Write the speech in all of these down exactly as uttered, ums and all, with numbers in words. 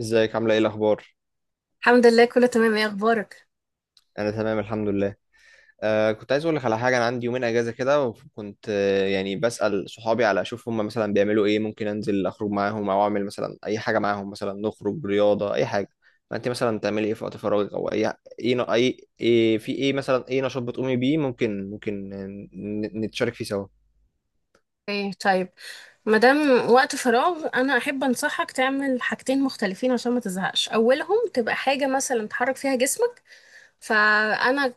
ازيك؟ عامله ايه؟ الاخبار؟ الحمد لله كله تمام، ايه اخبارك؟ انا تمام الحمد لله. آه كنت عايز اقول لك على حاجه. انا عندي يومين اجازه كده، وكنت آه يعني بسال صحابي على اشوف هم مثلا بيعملوا ايه، ممكن انزل اخرج معاهم او اعمل مثلا اي حاجه معاهم، مثلا نخرج رياضه اي حاجه. ما انت مثلا تعملي ايه في وقت فراغك او اي؟ ايه ن- اي إيه في، ايه مثلا، ايه نشاط بتقومي بيه؟ ممكن ممكن ن- نتشارك فيه سوا. ايه طيب، مادام وقت فراغ انا احب انصحك تعمل حاجتين مختلفين عشان ما تزهقش، اولهم تبقى حاجه مثلا تحرك فيها جسمك. فانا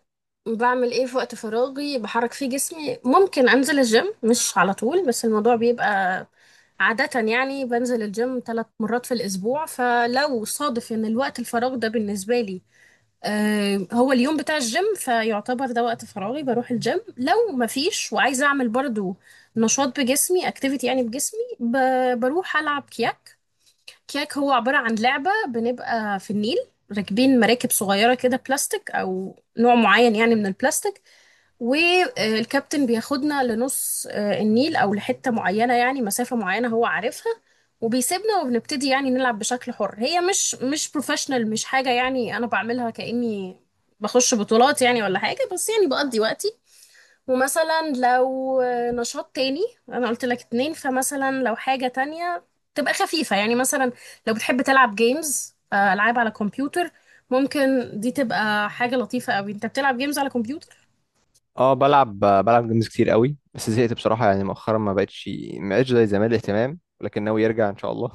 بعمل ايه في وقت فراغي؟ بحرك فيه جسمي. ممكن انزل الجيم، مش على طول بس الموضوع بيبقى عادة، يعني بنزل الجيم ثلاث مرات في الأسبوع. فلو صادف إن الوقت الفراغ ده بالنسبة لي آه، هو اليوم بتاع الجيم، فيعتبر ده وقت فراغي بروح الجيم. لو مفيش وعايزة أعمل برضو نشاط بجسمي، اكتيفيتي يعني بجسمي، ب- بروح ألعب كياك. كياك هو عبارة عن لعبة بنبقى في النيل راكبين مراكب صغيرة كده، بلاستيك أو نوع معين يعني من البلاستيك. والكابتن بياخدنا لنص آه، النيل، او لحته معينه يعني مسافه معينه هو عارفها. وبيسيبنا وبنبتدي يعني نلعب بشكل حر، هي مش مش بروفيشنال، مش حاجه يعني انا بعملها كاني بخش بطولات يعني ولا حاجه، بس يعني بقضي وقتي. ومثلا لو آه، نشاط تاني، انا قلت لك اتنين، فمثلا لو حاجه تانية تبقى خفيفه، يعني مثلا لو بتحب تلعب جيمز، العاب على كمبيوتر، ممكن دي تبقى حاجه لطيفه قوي انت بتلعب جيمز على كمبيوتر. اه، بلعب بلعب جيمز كتير قوي، بس زهقت بصراحة. يعني مؤخرا ما بقتش ما بقتش زي زمان الاهتمام، ولكن ناوي يرجع ان شاء الله.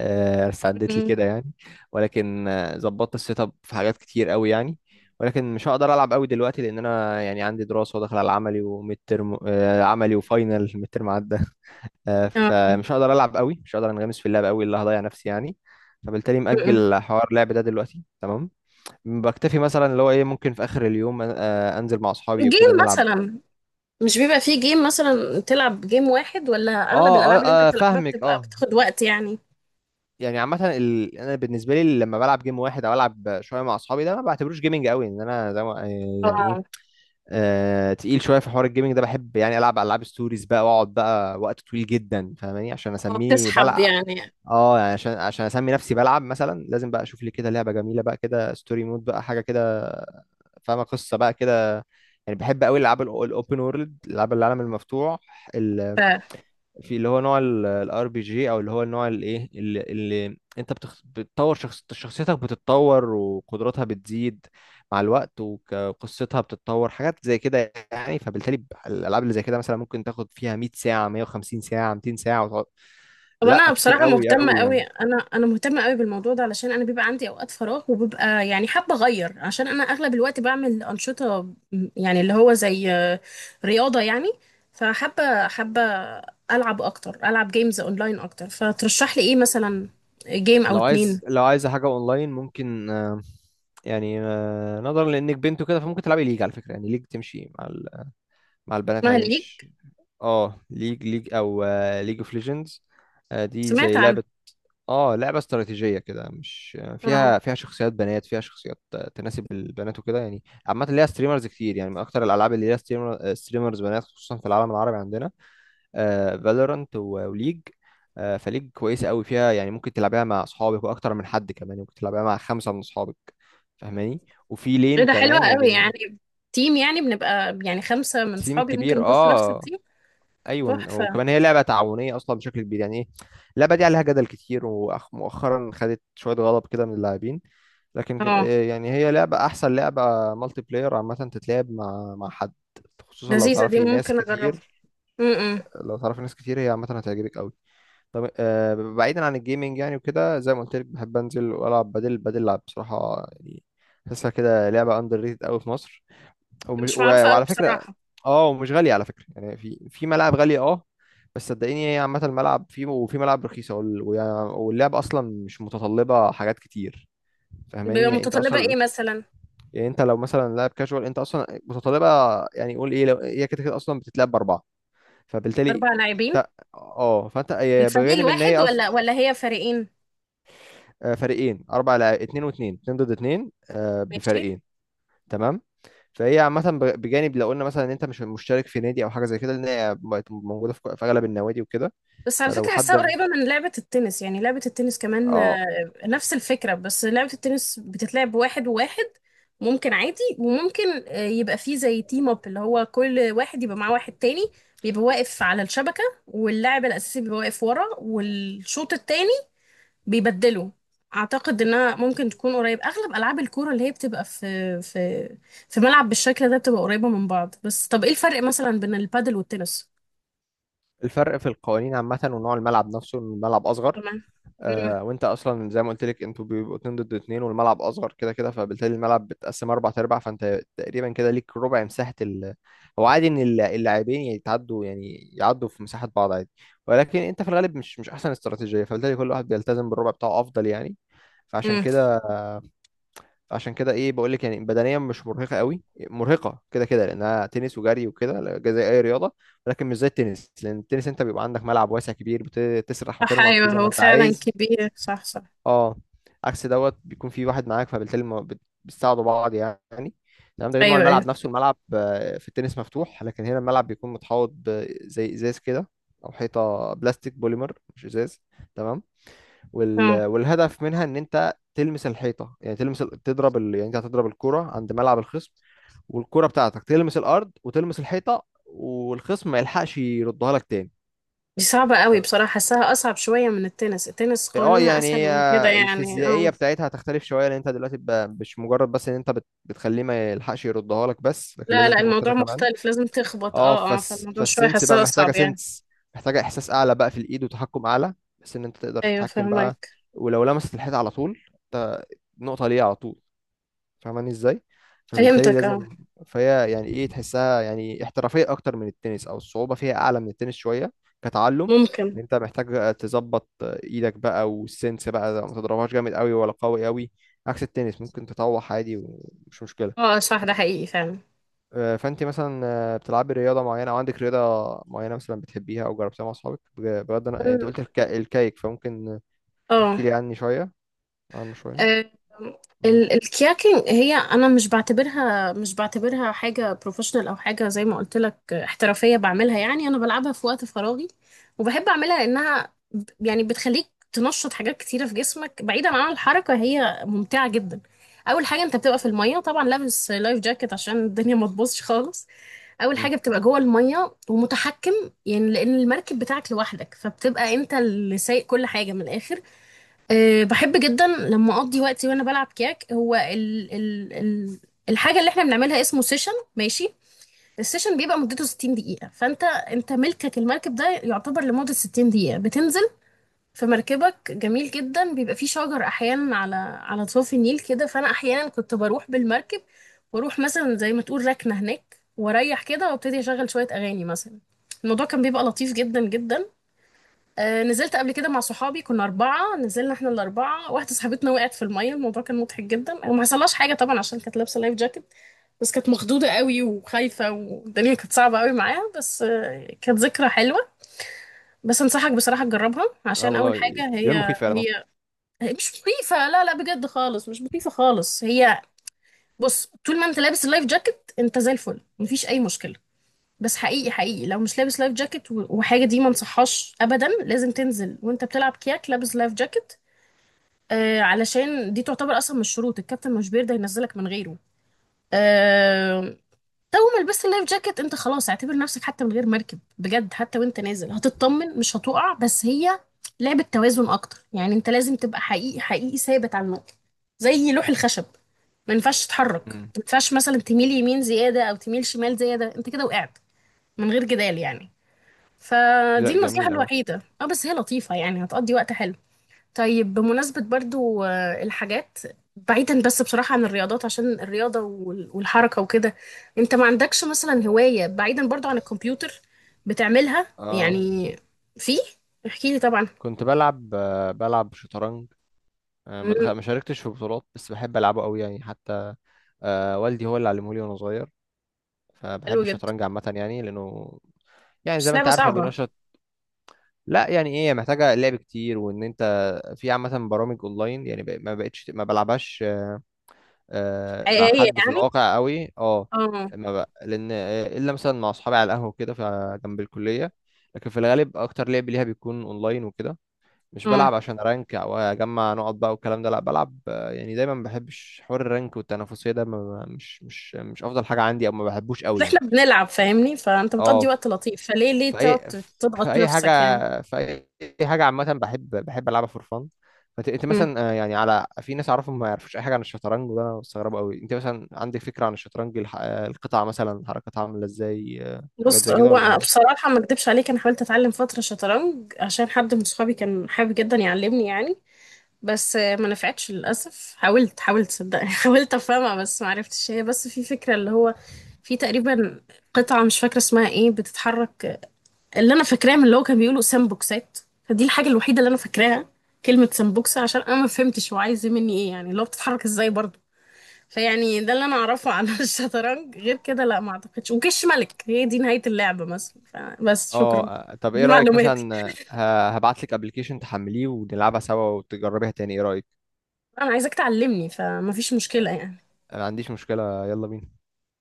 آه، ساعدت لي كده يعني. ولكن آه، ظبطت السيت اب في حاجات كتير قوي يعني. ولكن مش هقدر العب قوي دلوقتي لان انا يعني عندي دراسه وداخل على عملي وميد ترم آه، عملي وفاينل ميد ترم عدى. آه، مم. فمش هقدر العب قوي، مش هقدر انغمس في اللعب قوي اللي هضيع نفسي يعني. فبالتالي م-م. مأجل حوار اللعب ده دلوقتي، تمام. بكتفي مثلا اللي هو ايه، ممكن في اخر اليوم آه، انزل مع اصحابي وكده جيم نلعب. مثلا، مش بيبقى فيه جيم مثلا تلعب جيم واحد، ولا اغلب اه اه، الالعاب اللي انت آه، بتلعبها فاهمك بتبقى اه. بتاخد وقت يعني؟ يعني عامة، ال... أنا بالنسبة لي لما بلعب جيم واحد أو ألعب شوية مع أصحابي، ده ما بعتبروش جيمنج قوي إن أنا زي ما آه، يعني إيه، اه آه... تقيل شوية في حوار الجيمنج ده. بحب يعني ألعب ألعاب ستوريز بقى وأقعد بقى وقت طويل جدا، فاهماني، عشان اه أسميه بتسحب بلعب. يعني. اه يعني عشان عشان اسمي نفسي بلعب مثلا لازم بقى اشوف لي كده لعبه جميله بقى كده، ستوري مود بقى، حاجه كده فاهمه، قصه بقى كده يعني. بحب قوي الالعاب الاوبن وورلد، الالعاب العالم المفتوح، ف... في اللي هو نوع الار بي جي، او اللي هو النوع الايه اللي, اللي انت بتخ... بتطور شخص... شخصيتك بتتطور، وقدراتها بتزيد مع الوقت، وك- وقصتها بتتطور، حاجات زي كده يعني. فبالتالي الالعاب اللي زي كده مثلا ممكن تاخد فيها مية ساعة، مية وخمسين ساعة، ميتين ساعة، وتقعد. طب لا انا كتير بصراحه قوي مهتمه قوي قوي، يعني. انا انا مهتمه قوي بالموضوع ده علشان انا بيبقى عندي اوقات فراغ وببقى يعني حابه اغير، عشان انا اغلب الوقت بعمل انشطه، م- يعني اللي هو زي آه، رياضه يعني. فحابه حابه العب اكتر، العب جيمز اونلاين اكتر، فترشح لي ايه مثلا؟ جيم او لو اتنين؟ عايز لو عايز حاجة اونلاين ممكن، آه، يعني آه، نظرا لانك بنت وكده فممكن تلعبي ليج على فكرة. يعني ليج تمشي مع ال... مع البنات اسمها عادي، ليج؟ مش... اه، ليج ليج او ليج اوف ليجندز. دي سمعت زي عنها. لعبة، اه، لعبة استراتيجية كده، مش آه، اه فيها فيها شخصيات بنات، فيها شخصيات آه، تناسب البنات وكده يعني. عامة ليها ستريمرز كتير، يعني من اكتر الالعاب اللي ليها ستريمر ستريمرز بنات خصوصا في العالم العربي عندنا، فالورانت وليج. آه، فليج كويسة قوي فيها يعني، ممكن تلعبها مع اصحابك، واكتر من حد كمان، ممكن تلعبها مع خمسة من اصحابك فاهماني، وفي ايه لين ده حلوة كمان قوي يعني. يعني، تيم يعني بنبقى يعني خمسة من تيم صحابي ممكن كبير نخش نفس اه. التيم. ايوه، تحفة. وكمان هي لعبه تعاونيه اصلا بشكل كبير يعني، ايه. اللعبه دي عليها جدل كتير، ومؤخرا خدت شويه غضب كده من اللاعبين. لكن ك- اه إيه يعني، هي لعبه احسن لعبه مالتي بلاير عامه، تتلعب مع مع حد، خصوصا لو لذيذة، دي تعرفي ناس ممكن اجربها. كتير. امم لو تعرفي ناس كتير هي عامه هتعجبك قوي. طب آه، بعيدا عن الجيمنج يعني وكده، زي ما قلت لك بحب انزل والعب بدل، بدل لعب بصراحه يعني. بحسها كده لعبه اندر ريتد قوي في مصر، ومش مش و- معروفة قوي وعلى فكرة بصراحة. اه، ومش غالية على فكرة يعني. في في ملاعب غالية اه، بس صدقيني هي عامة الملعب فيه، وفي ملاعب رخيصة وال- ويع- واللعب أصلا مش متطلبة حاجات كتير فاهماني، بيبقى يعني أنت متطلبة أصلا، ايه مثلا؟ يعني أنت لو مثلا لاعب كاجوال أنت أصلا متطلبة. يعني قول إيه، لو هي كده كده أصلا بتتلعب بأربعة، فبالتالي اربع لاعبين، أنت، اه فأنت هي الفريق بجانب إن هي الواحد أصلا، ولا ولا هي فريقين؟ آه، فريقين، أربع لاعب، اتنين واتنين، اتنين ضد اتنين آه، ماشي. بفريقين. تمام. فهي عامة ب- بجانب لو قلنا مثلا ان انت مش مشترك في نادي او حاجة زي كده، لان هي بقت موجودة في في اغلب النوادي وكده. بس على فلو فكرة حد حاساها م- قريبة من لعبة التنس، يعني لعبة التنس كمان اه. آه، نفس الفكرة، بس لعبة التنس بتتلعب واحد وواحد، ممكن عادي، وممكن آه، يبقى فيه زي تيم اب، اللي هو كل واحد يبقى معاه واحد تاني، بيبقى واقف على الشبكة، واللاعب الأساسي بيبقى واقف ورا، والشوط التاني بيبدله. أعتقد إنها ممكن تكون قريب، أغلب ألعاب الكورة اللي هي بتبقى في في في ملعب بالشكل ده بتبقى قريبة من بعض. بس طب إيه الفرق مثلا بين البادل والتنس؟ الفرق في القوانين عامة، ونوع الملعب نفسه، إن الملعب اصغر. تمام. آه وانت اصلا زي ما قلت لك انتوا بيبقوا اتنين ضد اتنين، والملعب اصغر كده كده، فبالتالي الملعب بتقسم اربع ارباع. فانت تقريبا كده ليك ربع مساحة ال... هو عادي ان الل- اللاعبين يتعدوا يعني يعدوا في مساحة بعض عادي، ولكن انت في الغالب مش مش احسن استراتيجية. فبالتالي كل واحد بيلتزم بالربع بتاعه افضل يعني. فعشان مم. كده، عشان كده ايه بقول لك يعني، بدنيا مش مرهقه قوي. مرهقه كده كده لانها تنس وجري وكده، لا- زي اي رياضه، ولكن مش زي التنس، لان التنس انت بيبقى عندك ملعب واسع كبير بتسرح صح، وترمح فيه ايوه زي ما هو انت فعلا عايز. كبير، صح صح. اه، عكس دوت بيكون في واحد معاك، فبالتالي ما بت- بتساعدوا بعض يعني. تمام. ده غير نوع ايوه ايوه الملعب نفسه. الملعب آه، في التنس مفتوح، لكن هنا الملعب بيكون متحوط بزي ازاز كده، او حيطه بلاستيك بوليمر، مش ازاز. تمام. وال... اه. والهدف منها ان انت تلمس الحيطه، يعني تلمس ال- تضرب ال... يعني انت هتضرب الكوره عند ملعب الخصم، والكوره بتاعتك تلمس الارض وتلمس الحيطه، والخصم ما يلحقش يردها لك تاني. دي صعبة قوي بصراحة، حاساها أصعب شوية من التنس، التنس اه، قانونها يعني أسهل هي من كده يعني، الفيزيائيه اه. بتاعتها هتختلف شويه، لان انت دلوقتي ب- مش مجرد بس ان انت بت... بتخليه ما يلحقش يردها لك بس، لكن لا لازم لا تخبط الموضوع حيطه كمان. مختلف، لازم تخبط، اه اه اه، فس... فالموضوع شوية فالسنس بقى حاساها محتاجه أصعب يعني. سنس، محتاجه احساس اعلى بقى في الايد وتحكم اعلى، بس ان انت تقدر أيوه تتحكم بقى. فهمك. ولو لمست الحيطه على طول، انت نقطه ليه على طول، فاهماني ازاي؟ فبالتالي فهمتك اه. لازم. فهي يعني ايه تحسها يعني احترافيه اكتر من التنس، او الصعوبه فيها اعلى من التنس شويه كتعلم، ممكن. ان انت محتاج تظبط ايدك بقى والسنس بقى، ما تضربهاش جامد قوي ولا قوي قوي، عكس التنس ممكن تطوح عادي ومش مشكله. اه صح، ده حقيقي فعلا، آه، فانت مثلا آه، بتلعبي رياضه معينه او عندك رياضه معينه مثلا بتحبيها او جربتيها مع اصحابك؟ بج- بجد انا، انت قلت الك- الكايك، فممكن تحكي اه. لي عني شويه عنه شويه. آه، امم ال- الكياكينج هي، انا مش بعتبرها مش بعتبرها حاجه بروفيشنال او حاجه، زي ما قلت لك آه، احترافيه بعملها، يعني انا بلعبها في وقت فراغي. وبحب اعملها لانها ب- يعني بتخليك تنشط حاجات كتيره في جسمك بعيدا عن الحركه، هي ممتعه جدا. اول حاجه انت بتبقى في الميه طبعا لابس لايف جاكيت عشان الدنيا ما تبوظش خالص، اول امم. حاجه بتبقى جوه الميه ومتحكم، يعني لان المركب بتاعك لوحدك فبتبقى انت اللي سايق كل حاجه من الاخر. أه بحب جدا لما اقضي وقتي وانا بلعب كياك، هو ال ال ال الحاجه اللي احنا بنعملها اسمه سيشن ماشي. السيشن بيبقى مدته ستين دقيقه، فانت انت ملكك المركب ده يعتبر لمده ستين دقيقه، بتنزل في مركبك جميل جدا، بيبقى فيه شجر احيانا على على ضفاف النيل كده، فانا احيانا كنت بروح بالمركب واروح مثلا زي ما تقول ركنه هناك، واريح كده وابتدي اشغل شويه اغاني مثلا، الموضوع كان بيبقى لطيف جدا جدا. آه، نزلت قبل كده مع صحابي كنا أربعة، نزلنا احنا الأربعة، واحدة صاحبتنا وقعت في المية، الموضوع كان مضحك جدا، وما حصلهاش حاجة طبعا عشان كانت لابسة لايف جاكيت، بس كانت مخضوضة قوي وخايفة والدنيا كانت صعبة قوي معاها، بس آه، كانت ذكرى حلوة. بس أنصحك بصراحة تجربها، اه عشان الموضوع أول ي- حاجة، هي يبان مخيف فعلا اه. هي هي مش مخيفة، لا لا بجد خالص مش مخيفة خالص. هي بص، طول ما أنت لابس اللايف جاكيت أنت زي الفل، مفيش أي مشكلة. بس حقيقي حقيقي لو مش لابس لايف جاكيت و- وحاجه، دي ما انصحهاش ابدا، لازم تنزل وانت بتلعب كياك لابس لايف جاكيت. آه علشان دي تعتبر اصلا من الشروط، الكابتن مش بيرضى ينزلك من غيره. آه. تو ما لبست اللايف جاكيت انت خلاص اعتبر نفسك حتى من غير مركب بجد، حتى وانت نازل هتطمن مش هتقع، بس هي لعبه توازن اكتر، يعني انت لازم تبقى حقيقي حقيقي ثابت على النقطه، زي لوح الخشب، ما ينفعش تتحرك، امم. ما ينفعش مثلا تميل يمين زياده او تميل شمال زياده، انت كده وقعت من غير جدال يعني. فدي لا النصيحة جميل قوي. الوحيدة، اه، بس هي لطيفة يعني هتقضي وقت حلو. طيب بمناسبة برضو آه، الحاجات، بعيدا بس بصراحة عن الرياضات، عشان الرياضة وال- والحركة وكده، انت ما عندكش مثلا هواية بعيدا برضو عن الكمبيوتر بتعملها اه يعني؟ في، احكي لي طبعا. كنت بلعب آه، بلعب شطرنج. آه، ما مم، دخ- ما شاركتش في بطولات بس بحب العبه قوي يعني، حتى آه، والدي هو اللي علمه لي وانا صغير. فبحب حلو جدا. الشطرنج عامه يعني، لانه يعني زي بس ما انت لعبة عارفه صعبة. بينشط. لا يعني ايه، محتاجه لعب كتير، وان انت في عامه برامج اونلاين يعني. بق- ما بقتش ما بلعبهاش آه، مع حقيقية حد في يعني؟ الواقع قوي اه. اه ما بق... لان آه، الا مثلا مع اصحابي على القهوه كده ف- جنب الكليه، لكن في الغالب اكتر لعب ليها بيكون اونلاين وكده. مش اه. بلعب عشان ارانك او اجمع نقط بقى والكلام ده، لا بلعب آه، يعني. دايما ما بحبش حوار الرانك والتنافسيه ده، ما ما- مش مش مش افضل حاجه عندي او ما بحبوش بس قوي يعني. احنا بنلعب، فاهمني، فانت بتقضي اه وقت لطيف، فليه ليه في تقعد اي، في تضغط اي حاجه، نفسك؟ في اي، أي حاجه عامه بحب، بحب العبها فور فان. فت- انت يعني مثلا آه، يعني على، في ناس اعرفهم ما يعرفوش اي حاجه عن الشطرنج، وده انا مستغربه قوي. انت مثلا عندك فكره عن الشطرنج الح- آه، القطع مثلا حركتها عامله ازاي؟ آه، حاجات بص زي كده هو ولا؟ بصراحة ما اكدبش عليك، انا حاولت اتعلم فترة شطرنج عشان حد من صحابي كان حابب جدا يعلمني يعني، بس آه، ما نفعتش للأسف، حاولت حاولت صدقني حاولت افهمها بس ما عرفتش، هي بس في فكرة اللي هو، في تقريبا قطعة مش فاكرة اسمها ايه بتتحرك آه، اللي انا فاكراه من اللي هو كان بيقولوا سامبوكسات، فدي الحاجة الوحيدة اللي انا فاكراها، كلمة سامبوكسة عشان انا ما فهمتش هو عايز مني ايه، يعني اللي هو بتتحرك ازاي برضه. فيعني ده اللي انا اعرفه عن الشطرنج، غير كده لا ما اعتقدش، وكش ملك هي دي نهاية اللعبة مثلا، فبس اه شكرا، آه، طب ايه دي رايك معلوماتي. مثلا آه، ه- هبعت لك ابلكيشن تحمليه ونلعبها سوا وتجربيها تاني، ايه رايك؟ انا عايزاك تعلمني فمفيش مشكلة يعني. انا ما عنديش مشكلة، يلا بينا.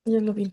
يلا بينا.